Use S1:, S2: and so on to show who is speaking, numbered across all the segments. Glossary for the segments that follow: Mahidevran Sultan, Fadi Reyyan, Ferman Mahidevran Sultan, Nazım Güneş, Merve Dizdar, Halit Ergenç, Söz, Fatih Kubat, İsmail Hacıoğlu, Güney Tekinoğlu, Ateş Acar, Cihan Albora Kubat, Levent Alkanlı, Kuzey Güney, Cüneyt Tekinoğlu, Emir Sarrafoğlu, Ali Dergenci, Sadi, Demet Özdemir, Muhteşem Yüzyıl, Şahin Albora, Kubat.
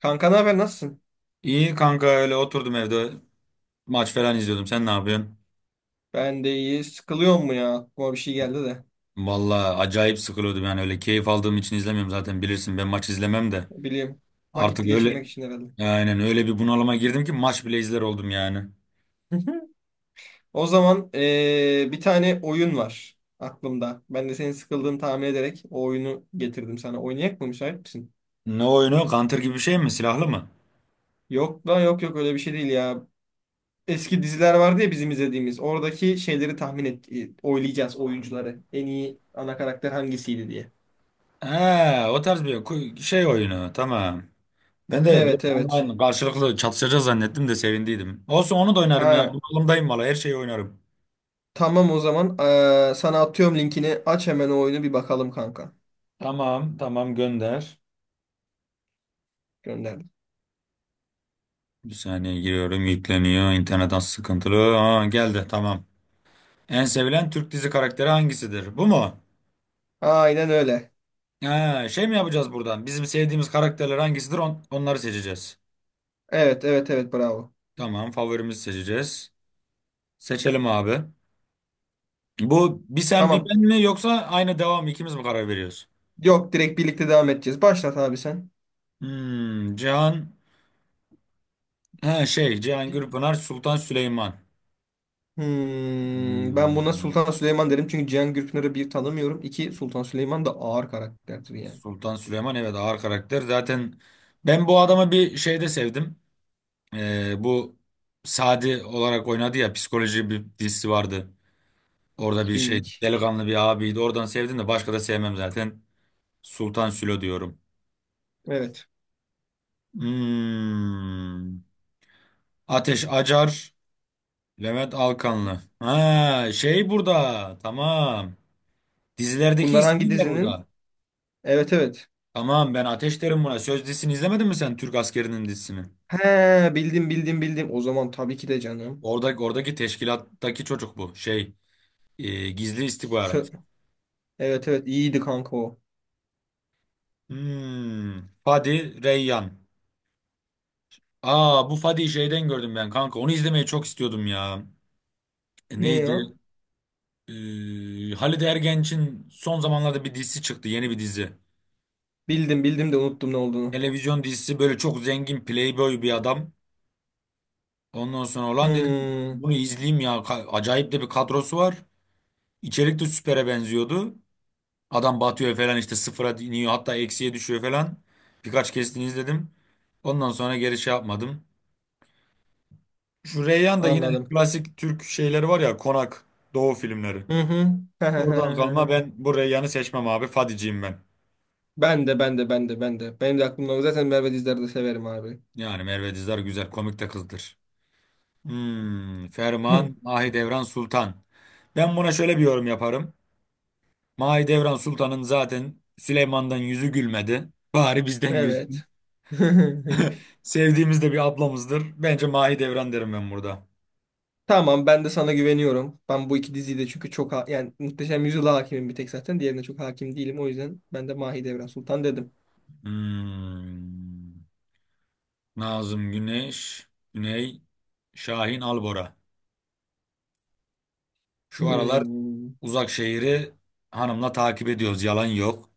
S1: Kanka ne haber nasılsın?
S2: İyi kanka öyle oturdum evde maç falan izliyordum. Sen ne yapıyorsun?
S1: Ben de iyi. Sıkılıyor mu ya? Aklıma bir şey geldi de.
S2: Vallahi acayip sıkılıyordum yani, öyle keyif aldığım için izlemiyorum zaten, bilirsin ben maç izlemem de.
S1: Bileyim. Vakit
S2: Artık öyle,
S1: geçirmek için herhalde.
S2: aynen öyle bir bunalıma girdim ki maç bile izler oldum yani.
S1: O zaman bir tane oyun var aklımda. Ben de senin sıkıldığını tahmin ederek o oyunu getirdim sana. Oynayak mı? Müsait misin?
S2: Ne oyunu? Counter gibi bir şey mi? Silahlı mı?
S1: Yok lan yok yok öyle bir şey değil ya. Eski diziler vardı ya bizim izlediğimiz. Oradaki şeyleri tahmin et, oylayacağız oyuncuları. En iyi ana karakter hangisiydi diye.
S2: He, o tarz bir şey oyunu, tamam. Ben de böyle
S1: Evet, evet.
S2: online karşılıklı çatışacağız zannettim de sevindiydim. Olsun, onu da oynarım ya.
S1: Ha,
S2: Bunalımdayım valla, her şeyi oynarım.
S1: tamam o zaman. Sana atıyorum linkini. Aç hemen o oyunu bir bakalım kanka.
S2: Tamam tamam, gönder.
S1: Gönderdim.
S2: Bir saniye giriyorum, yükleniyor. İnternetten sıkıntılı. Aa, geldi, tamam. En sevilen Türk dizi karakteri hangisidir? Bu mu?
S1: Aynen öyle.
S2: Ha, şey mi yapacağız buradan? Bizim sevdiğimiz karakterler hangisidir? Onları seçeceğiz.
S1: Evet, evet, evet, bravo.
S2: Tamam, favorimizi seçeceğiz. Seçelim abi. Bu bir sen bir
S1: Tamam.
S2: ben mi yoksa aynı devam ikimiz mi karar veriyoruz?
S1: Yok, direkt birlikte devam edeceğiz. Başlat abi sen.
S2: Cihan, ha, şey Cihan Gürpınar, Sultan Süleyman.
S1: Hmm, ben buna
S2: Hmm,
S1: Sultan Süleyman derim çünkü Cihan Gürpınar'ı bir tanımıyorum. İki Sultan Süleyman da ağır karakterdir yani.
S2: Sultan Süleyman, evet ağır karakter. Zaten ben bu adamı bir şeyde sevdim. Bu Sadi olarak oynadı ya, psikoloji bir dizisi vardı. Orada
S1: Hiç
S2: bir şey
S1: bilmiyorum ki.
S2: delikanlı bir abiydi. Oradan sevdim, de başka da sevmem zaten. Sultan Sülo diyorum.
S1: Evet.
S2: Hmm. Ateş Acar, Levent Alkanlı. Ha, şey burada. Tamam. Dizilerdeki
S1: Bunlar hangi
S2: ismiyle
S1: dizinin?
S2: burada.
S1: Evet, evet.
S2: Tamam, ben Ateş derim buna. Söz dizisini izlemedin mi sen, Türk askerinin dizisini?
S1: He, bildim. O zaman tabii ki de canım.
S2: Oradaki teşkilattaki çocuk bu. Şey, gizli istihbarat.
S1: Sö- evet, evet, iyiydi kanka o.
S2: Hmm. Fadi Reyyan. Aa, bu Fadi şeyden gördüm ben kanka. Onu izlemeyi çok istiyordum ya.
S1: Ne
S2: Neydi?
S1: ya?
S2: Halide Ergenç'in son zamanlarda bir dizisi çıktı. Yeni bir dizi.
S1: Bildim de unuttum ne olduğunu.
S2: Televizyon dizisi, böyle çok zengin playboy bir adam. Ondan sonra olan dedim,
S1: Hmm,
S2: bunu izleyeyim ya. Acayip de bir kadrosu var. İçerik de süpere benziyordu. Adam batıyor falan, işte sıfıra iniyor, hatta eksiye düşüyor falan. Birkaç kesitini izledim. Ondan sonra geri şey yapmadım. Şu Reyhan da yine,
S1: anladım.
S2: klasik Türk şeyleri var ya, Konak Doğu filmleri.
S1: Hı
S2: Oradan kalma,
S1: hı.
S2: ben bu Reyyan'ı seçmem abi. Fadiciyim ben.
S1: Ben de. Benim de aklımda o. Zaten Merve Dizdar'ı da severim abi.
S2: Yani Merve Dizdar güzel, komik de kızdır. Ferman, Mahidevran Sultan. Ben buna şöyle bir yorum yaparım. Mahidevran Sultan'ın zaten Süleyman'dan yüzü gülmedi. Bari bizden gülsün.
S1: Evet.
S2: Sevdiğimiz de bir ablamızdır. Bence Mahidevran derim ben burada.
S1: Tamam, ben de sana güveniyorum. Ben bu iki diziyi de çünkü çok yani Muhteşem Yüzyıl'a hakimim bir tek zaten. Diğerine çok hakim değilim. O yüzden ben de Mahidevran Sultan dedim.
S2: Hmm, Nazım Güneş, Güney, Şahin Albora. Şu aralar
S1: Hmm.
S2: Uzak Şehir'i hanımla takip ediyoruz. Yalan yok.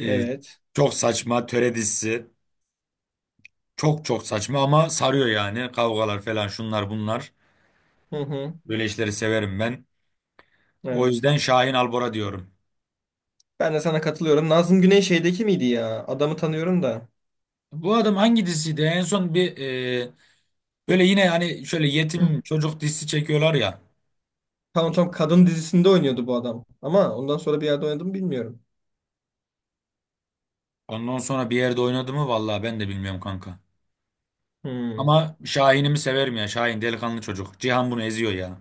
S2: E,
S1: Evet.
S2: çok saçma töre dizisi. Çok çok saçma ama sarıyor yani. Kavgalar falan, şunlar bunlar.
S1: Hı hı.
S2: Böyle işleri severim ben. O
S1: Evet.
S2: yüzden Şahin Albora diyorum.
S1: Ben de sana katılıyorum. Nazım Güney şeydeki miydi ya? Adamı tanıyorum da.
S2: Bu adam hangi diziydi? En son bir e, böyle yine, hani şöyle
S1: Hı.
S2: yetim çocuk dizisi çekiyorlar ya.
S1: Tamam, kadın dizisinde oynuyordu bu adam. Ama ondan sonra bir yerde oynadı mı bilmiyorum.
S2: Ondan sonra bir yerde oynadı mı, vallahi ben de bilmiyorum kanka.
S1: Hmm.
S2: Ama Şahin'imi severim ya. Şahin delikanlı çocuk. Cihan bunu eziyor ya.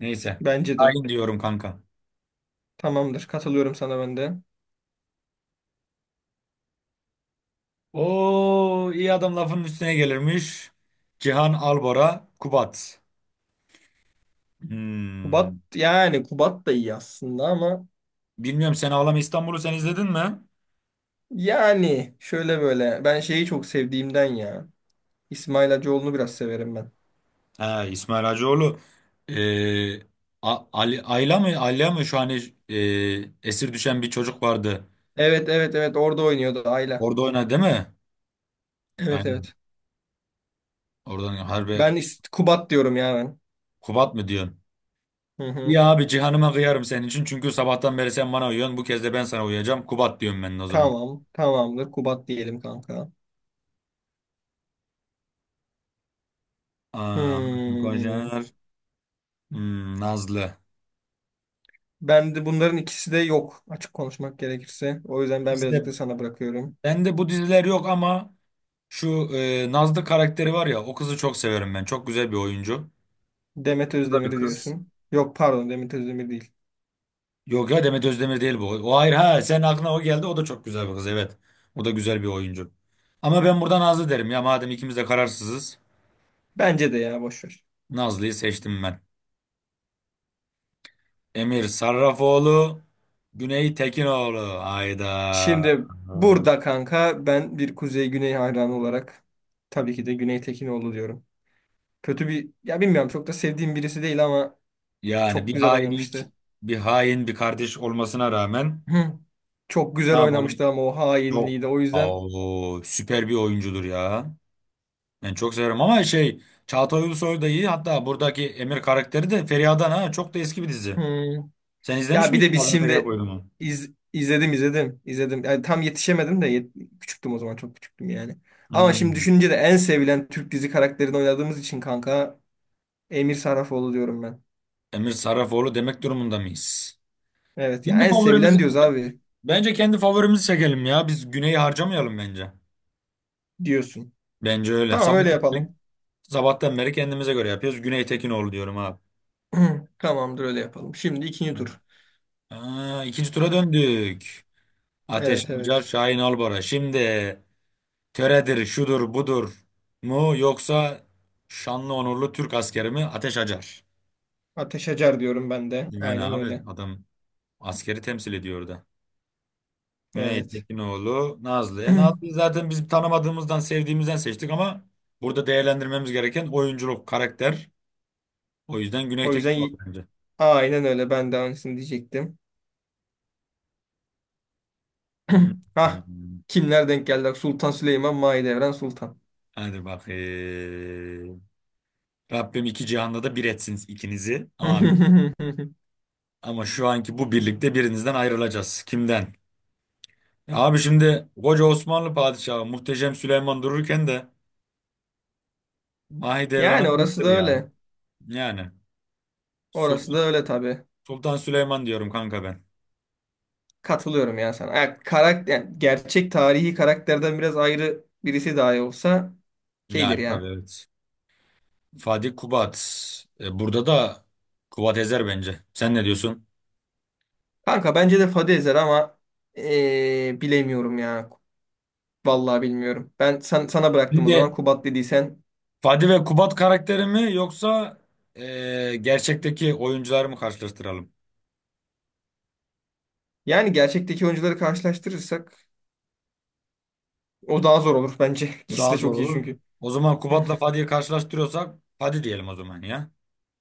S2: Neyse.
S1: Bence de.
S2: Şahin diyorum kanka.
S1: Tamamdır. Katılıyorum sana ben de.
S2: O, iyi adam lafının üstüne gelirmiş. Cihan Albora, Kubat.
S1: Kubat,
S2: Hmm.
S1: yani Kubat da iyi aslında ama
S2: Bilmiyorum, Sen Ağlama İstanbul'u sen izledin mi?
S1: yani şöyle böyle ben şeyi çok sevdiğimden ya. İsmail Hacıoğlu'nu biraz severim ben.
S2: He, İsmail Hacıoğlu. Ee, Ali, Ayla mı? Ayla mı? Şu an e, esir düşen bir çocuk vardı.
S1: Evet, evet, evet, orada oynuyordu Ayla.
S2: Orada oynadı değil mi?
S1: Evet,
S2: Aynen.
S1: evet.
S2: Oradan harbi.
S1: Kubat diyorum ya ben.
S2: Kubat mı diyorsun?
S1: Hı hı.
S2: Ya abi, Cihan'ıma kıyarım senin için. Çünkü sabahtan beri sen bana uyuyorsun. Bu kez de ben sana uyuyacağım. Kubat diyorum ben de o zaman.
S1: Tamam tamamdır, Kubat diyelim kanka.
S2: Aa,
S1: Hmm.
S2: Kocaer. Nazlı.
S1: Ben de bunların ikisi de yok, açık konuşmak gerekirse. O yüzden ben birazcık da sana bırakıyorum.
S2: Bende bu diziler yok ama şu Nazlı karakteri var ya, o kızı çok severim ben. Çok güzel bir oyuncu.
S1: Demet
S2: Bu da
S1: Özdemir
S2: bir kız.
S1: diyorsun. Yok, pardon, Demet Özdemir değil.
S2: Yok ya, Demet Özdemir değil bu. O hayır, ha, senin aklına o geldi, o da çok güzel bir kız, evet. O da güzel bir oyuncu. Ama ben burada Nazlı derim ya, madem ikimiz de kararsızız.
S1: Bence de, ya boş ver.
S2: Nazlı'yı seçtim ben. Emir Sarrafoğlu, Güney Tekinoğlu. Hayda.
S1: Şimdi
S2: Aa.
S1: burada kanka ben bir Kuzey Güney hayranı olarak tabii ki de Güney Tekinoğlu diyorum. Kötü bir, ya bilmiyorum, çok da sevdiğim birisi değil ama
S2: Yani
S1: çok
S2: bir
S1: güzel
S2: hainlik,
S1: oynamıştı.
S2: bir hain bir kardeş olmasına rağmen
S1: Hı. Çok
S2: ne
S1: güzel
S2: yapalım?
S1: oynamıştı ama o
S2: Çok.
S1: hainliği de o yüzden
S2: Aa, süper bir oyuncudur ya. Ben çok severim, ama şey Çağatay Ulusoy da iyi. Hatta buradaki Emir karakteri de Feriha'dan, ha. Çok da eski bir dizi.
S1: hı.
S2: Sen izlemiş
S1: Ya bir de
S2: miydin
S1: biz
S2: Nazım Feriha
S1: şimdi
S2: Koyun'u?
S1: izledim, izledim. Yani tam yetişemedim de küçüktüm o zaman, çok küçüktüm yani. Ama şimdi
S2: Hmm.
S1: düşününce de en sevilen Türk dizi karakterini oynadığımız için kanka Emir Sarrafoğlu diyorum ben.
S2: Emir Sarrafoğlu demek durumunda mıyız?
S1: Evet ya,
S2: Kendi
S1: en sevilen
S2: favorimizi,
S1: diyoruz abi
S2: bence kendi favorimizi çekelim ya. Biz Güney'i harcamayalım bence.
S1: diyorsun.
S2: Bence öyle.
S1: Tamam, öyle
S2: Sabahtan beri,
S1: yapalım.
S2: sabahtan beri kendimize göre yapıyoruz. Güney Tekinoğlu diyorum abi.
S1: Tamamdır, öyle yapalım. Şimdi ikinci
S2: Hı.
S1: tur.
S2: Aa, ikinci tura döndük. Ateş
S1: Evet,
S2: Acar,
S1: evet.
S2: Şahin Albora. Şimdi, töredir, şudur, budur mu, yoksa şanlı onurlu Türk askeri mi, Ateş Acar?
S1: Ateş Acar diyorum ben de.
S2: Yani
S1: Aynen
S2: abi,
S1: öyle.
S2: adam askeri temsil ediyor orada. Cüneyt
S1: Evet.
S2: Tekinoğlu, Nazlı. Nazlı'yı zaten biz tanımadığımızdan, sevdiğimizden seçtik, ama burada değerlendirmemiz gereken oyunculuk, karakter. O yüzden
S1: O
S2: Cüneyt
S1: yüzden
S2: Tekinoğlu
S1: y-
S2: bence.
S1: aynen öyle. Ben de aynısını diyecektim.
S2: Hmm. Hmm.
S1: Hah.
S2: Hmm.
S1: Kimler denk geldi? Sultan Süleyman, Mahidevran Sultan.
S2: Hadi bakayım. Rabbim iki cihanda da bir etsin ikinizi. Amin. Ama şu anki bu birlikte, birinizden ayrılacağız. Kimden? Ya abi, şimdi koca Osmanlı padişahı muhteşem Süleyman dururken de Mahidevran'a
S1: Yani orası
S2: bayılır
S1: da
S2: ya.
S1: öyle.
S2: Yani
S1: Orası
S2: Sultan,
S1: da öyle tabii.
S2: Sultan Süleyman diyorum kanka ben.
S1: Katılıyorum ya sana. Ya, karakter, yani gerçek tarihi karakterden biraz ayrı birisi dahi olsa şeydir
S2: Yani tabii,
S1: ya.
S2: evet. Fatih, Kubat. Burada da Kubat ezer bence. Sen ne diyorsun?
S1: Kanka bence de Fadi ezer ama bilemiyorum ya. Vallahi bilmiyorum. Sana bıraktım
S2: Bir
S1: o zaman.
S2: de
S1: Kubat dediysen.
S2: Fatih ve Kubat karakteri mi, yoksa gerçekteki oyuncuları mı karşılaştıralım?
S1: Yani gerçekteki oyuncuları karşılaştırırsak o daha zor olur bence. İkisi
S2: Daha
S1: de
S2: zor
S1: çok iyi
S2: olur.
S1: çünkü.
S2: O zaman Kubat'la Fatih'i karşılaştırıyorsak, Fatih diyelim o zaman ya.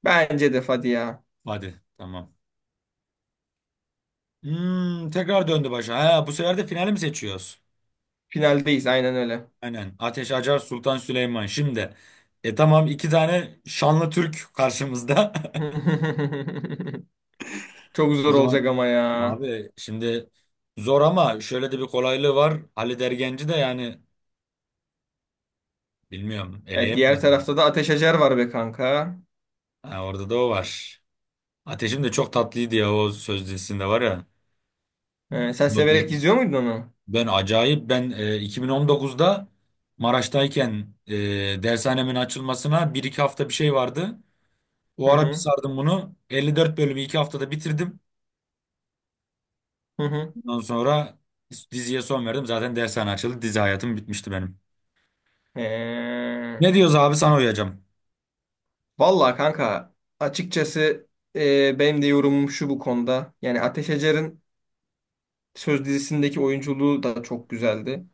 S1: Bence de, hadi ya.
S2: Fatih, tamam. Tekrar döndü başa. Ha, bu sefer de finali mi seçiyoruz?
S1: Finaldeyiz, aynen öyle.
S2: Aynen. Ateş Acar, Sultan Süleyman. Şimdi. Tamam, iki tane şanlı Türk karşımızda.
S1: Çok
S2: O
S1: zor olacak
S2: zaman
S1: ama ya.
S2: abi, şimdi zor, ama şöyle de bir kolaylığı var. Ali Dergenci de, yani bilmiyorum,
S1: E, diğer
S2: eleyemeyiz.
S1: tarafta da Ateş Acar var be kanka.
S2: Ha, orada da o var. Ateşim de çok tatlıydı ya, o söz dizisinde var ya.
S1: E, sen
S2: O
S1: severek
S2: dizi-
S1: izliyor muydun onu?
S2: Ben acayip ben 2019'da Maraş'tayken dershanemin açılmasına bir iki hafta bir şey vardı.
S1: Hı
S2: Bu ara bir
S1: hı.
S2: sardım bunu. 54 bölümü 2 haftada bitirdim.
S1: Hı hı.
S2: Ondan sonra diziye son verdim. Zaten dershane açıldı. Dizi hayatım bitmişti benim.
S1: E,
S2: Ne diyoruz abi, sana uyacağım.
S1: vallahi kanka, açıkçası, benim de yorumum şu bu konuda. Yani Ateş Acar'ın Söz dizisindeki oyunculuğu da çok güzeldi.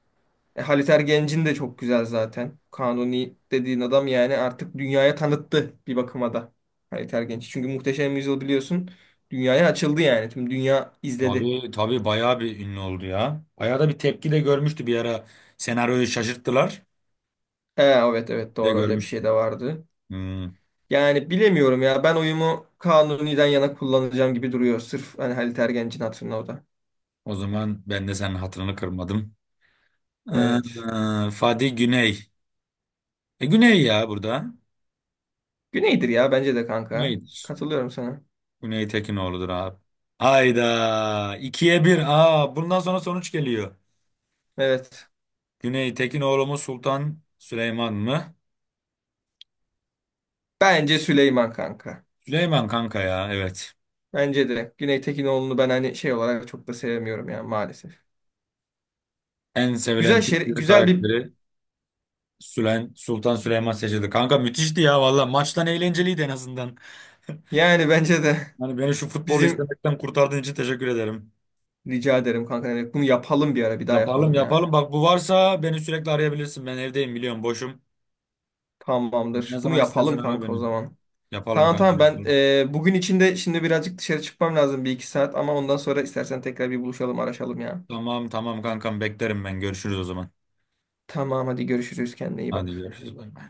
S1: E, Halit Ergenc'in de çok güzel zaten. Kanuni dediğin adam yani artık dünyaya tanıttı bir bakıma da Halit Ergenç. Çünkü Muhteşem Yüzyıl biliyorsun dünyaya açıldı yani. Tüm dünya izledi.
S2: Tabii tabii, bayağı bir ünlü oldu ya. Bayağı da bir tepki de görmüştü bir ara. Senaryoyu şaşırttılar
S1: E, evet, evet,
S2: de
S1: doğru, öyle bir şey
S2: görmüştüm.
S1: de vardı.
S2: Hmm,
S1: Yani bilemiyorum ya, ben oyumu Kanuni'den yana kullanacağım gibi duruyor. Sırf hani Halit Ergenc'in hatırına o da.
S2: o zaman ben de senin hatırını kırmadım.
S1: Evet.
S2: Fadi Güney. Güney ya burada.
S1: Güneydir ya bence de kanka.
S2: Güney'dir.
S1: Katılıyorum sana.
S2: Güney Tekinoğlu'dur abi. Hayda. 2-1. Aa, bundan sonra sonuç geliyor.
S1: Evet.
S2: Güney Tekinoğlu mu Sultan Süleyman mı?
S1: Bence Süleyman kanka.
S2: Süleyman kanka ya, evet.
S1: Bence de Güney Tekinoğlu'nu ben hani şey olarak çok da sevmiyorum yani maalesef.
S2: En sevilen
S1: Güzel
S2: Türk
S1: şey,
S2: dizi
S1: güzel bir,
S2: karakteri Sülen, Sultan Süleyman seçildi. Kanka, müthişti ya valla. Maçtan eğlenceliydi en azından.
S1: yani bence de
S2: Hani beni şu futbolu
S1: bizim,
S2: izlemekten kurtardığın için teşekkür ederim.
S1: rica ederim kanka, yani bunu yapalım bir ara, bir daha
S2: Yapalım
S1: yapalım ya.
S2: yapalım. Bak, bu varsa beni sürekli arayabilirsin. Ben evdeyim biliyorum, boşum. Ne
S1: Tamamdır. Bunu
S2: zaman istersen
S1: yapalım
S2: ara
S1: kanka o
S2: beni.
S1: zaman.
S2: Yapalım
S1: Tamam
S2: kanka,
S1: ben
S2: yapalım.
S1: bugün içinde şimdi birazcık dışarı çıkmam lazım, bir iki saat ama ondan sonra istersen tekrar bir buluşalım, araşalım ya.
S2: Tamam tamam kankam, beklerim ben. Görüşürüz o zaman.
S1: Tamam, hadi görüşürüz, kendine iyi
S2: Hadi
S1: bak.
S2: görüşürüz. Bay bay.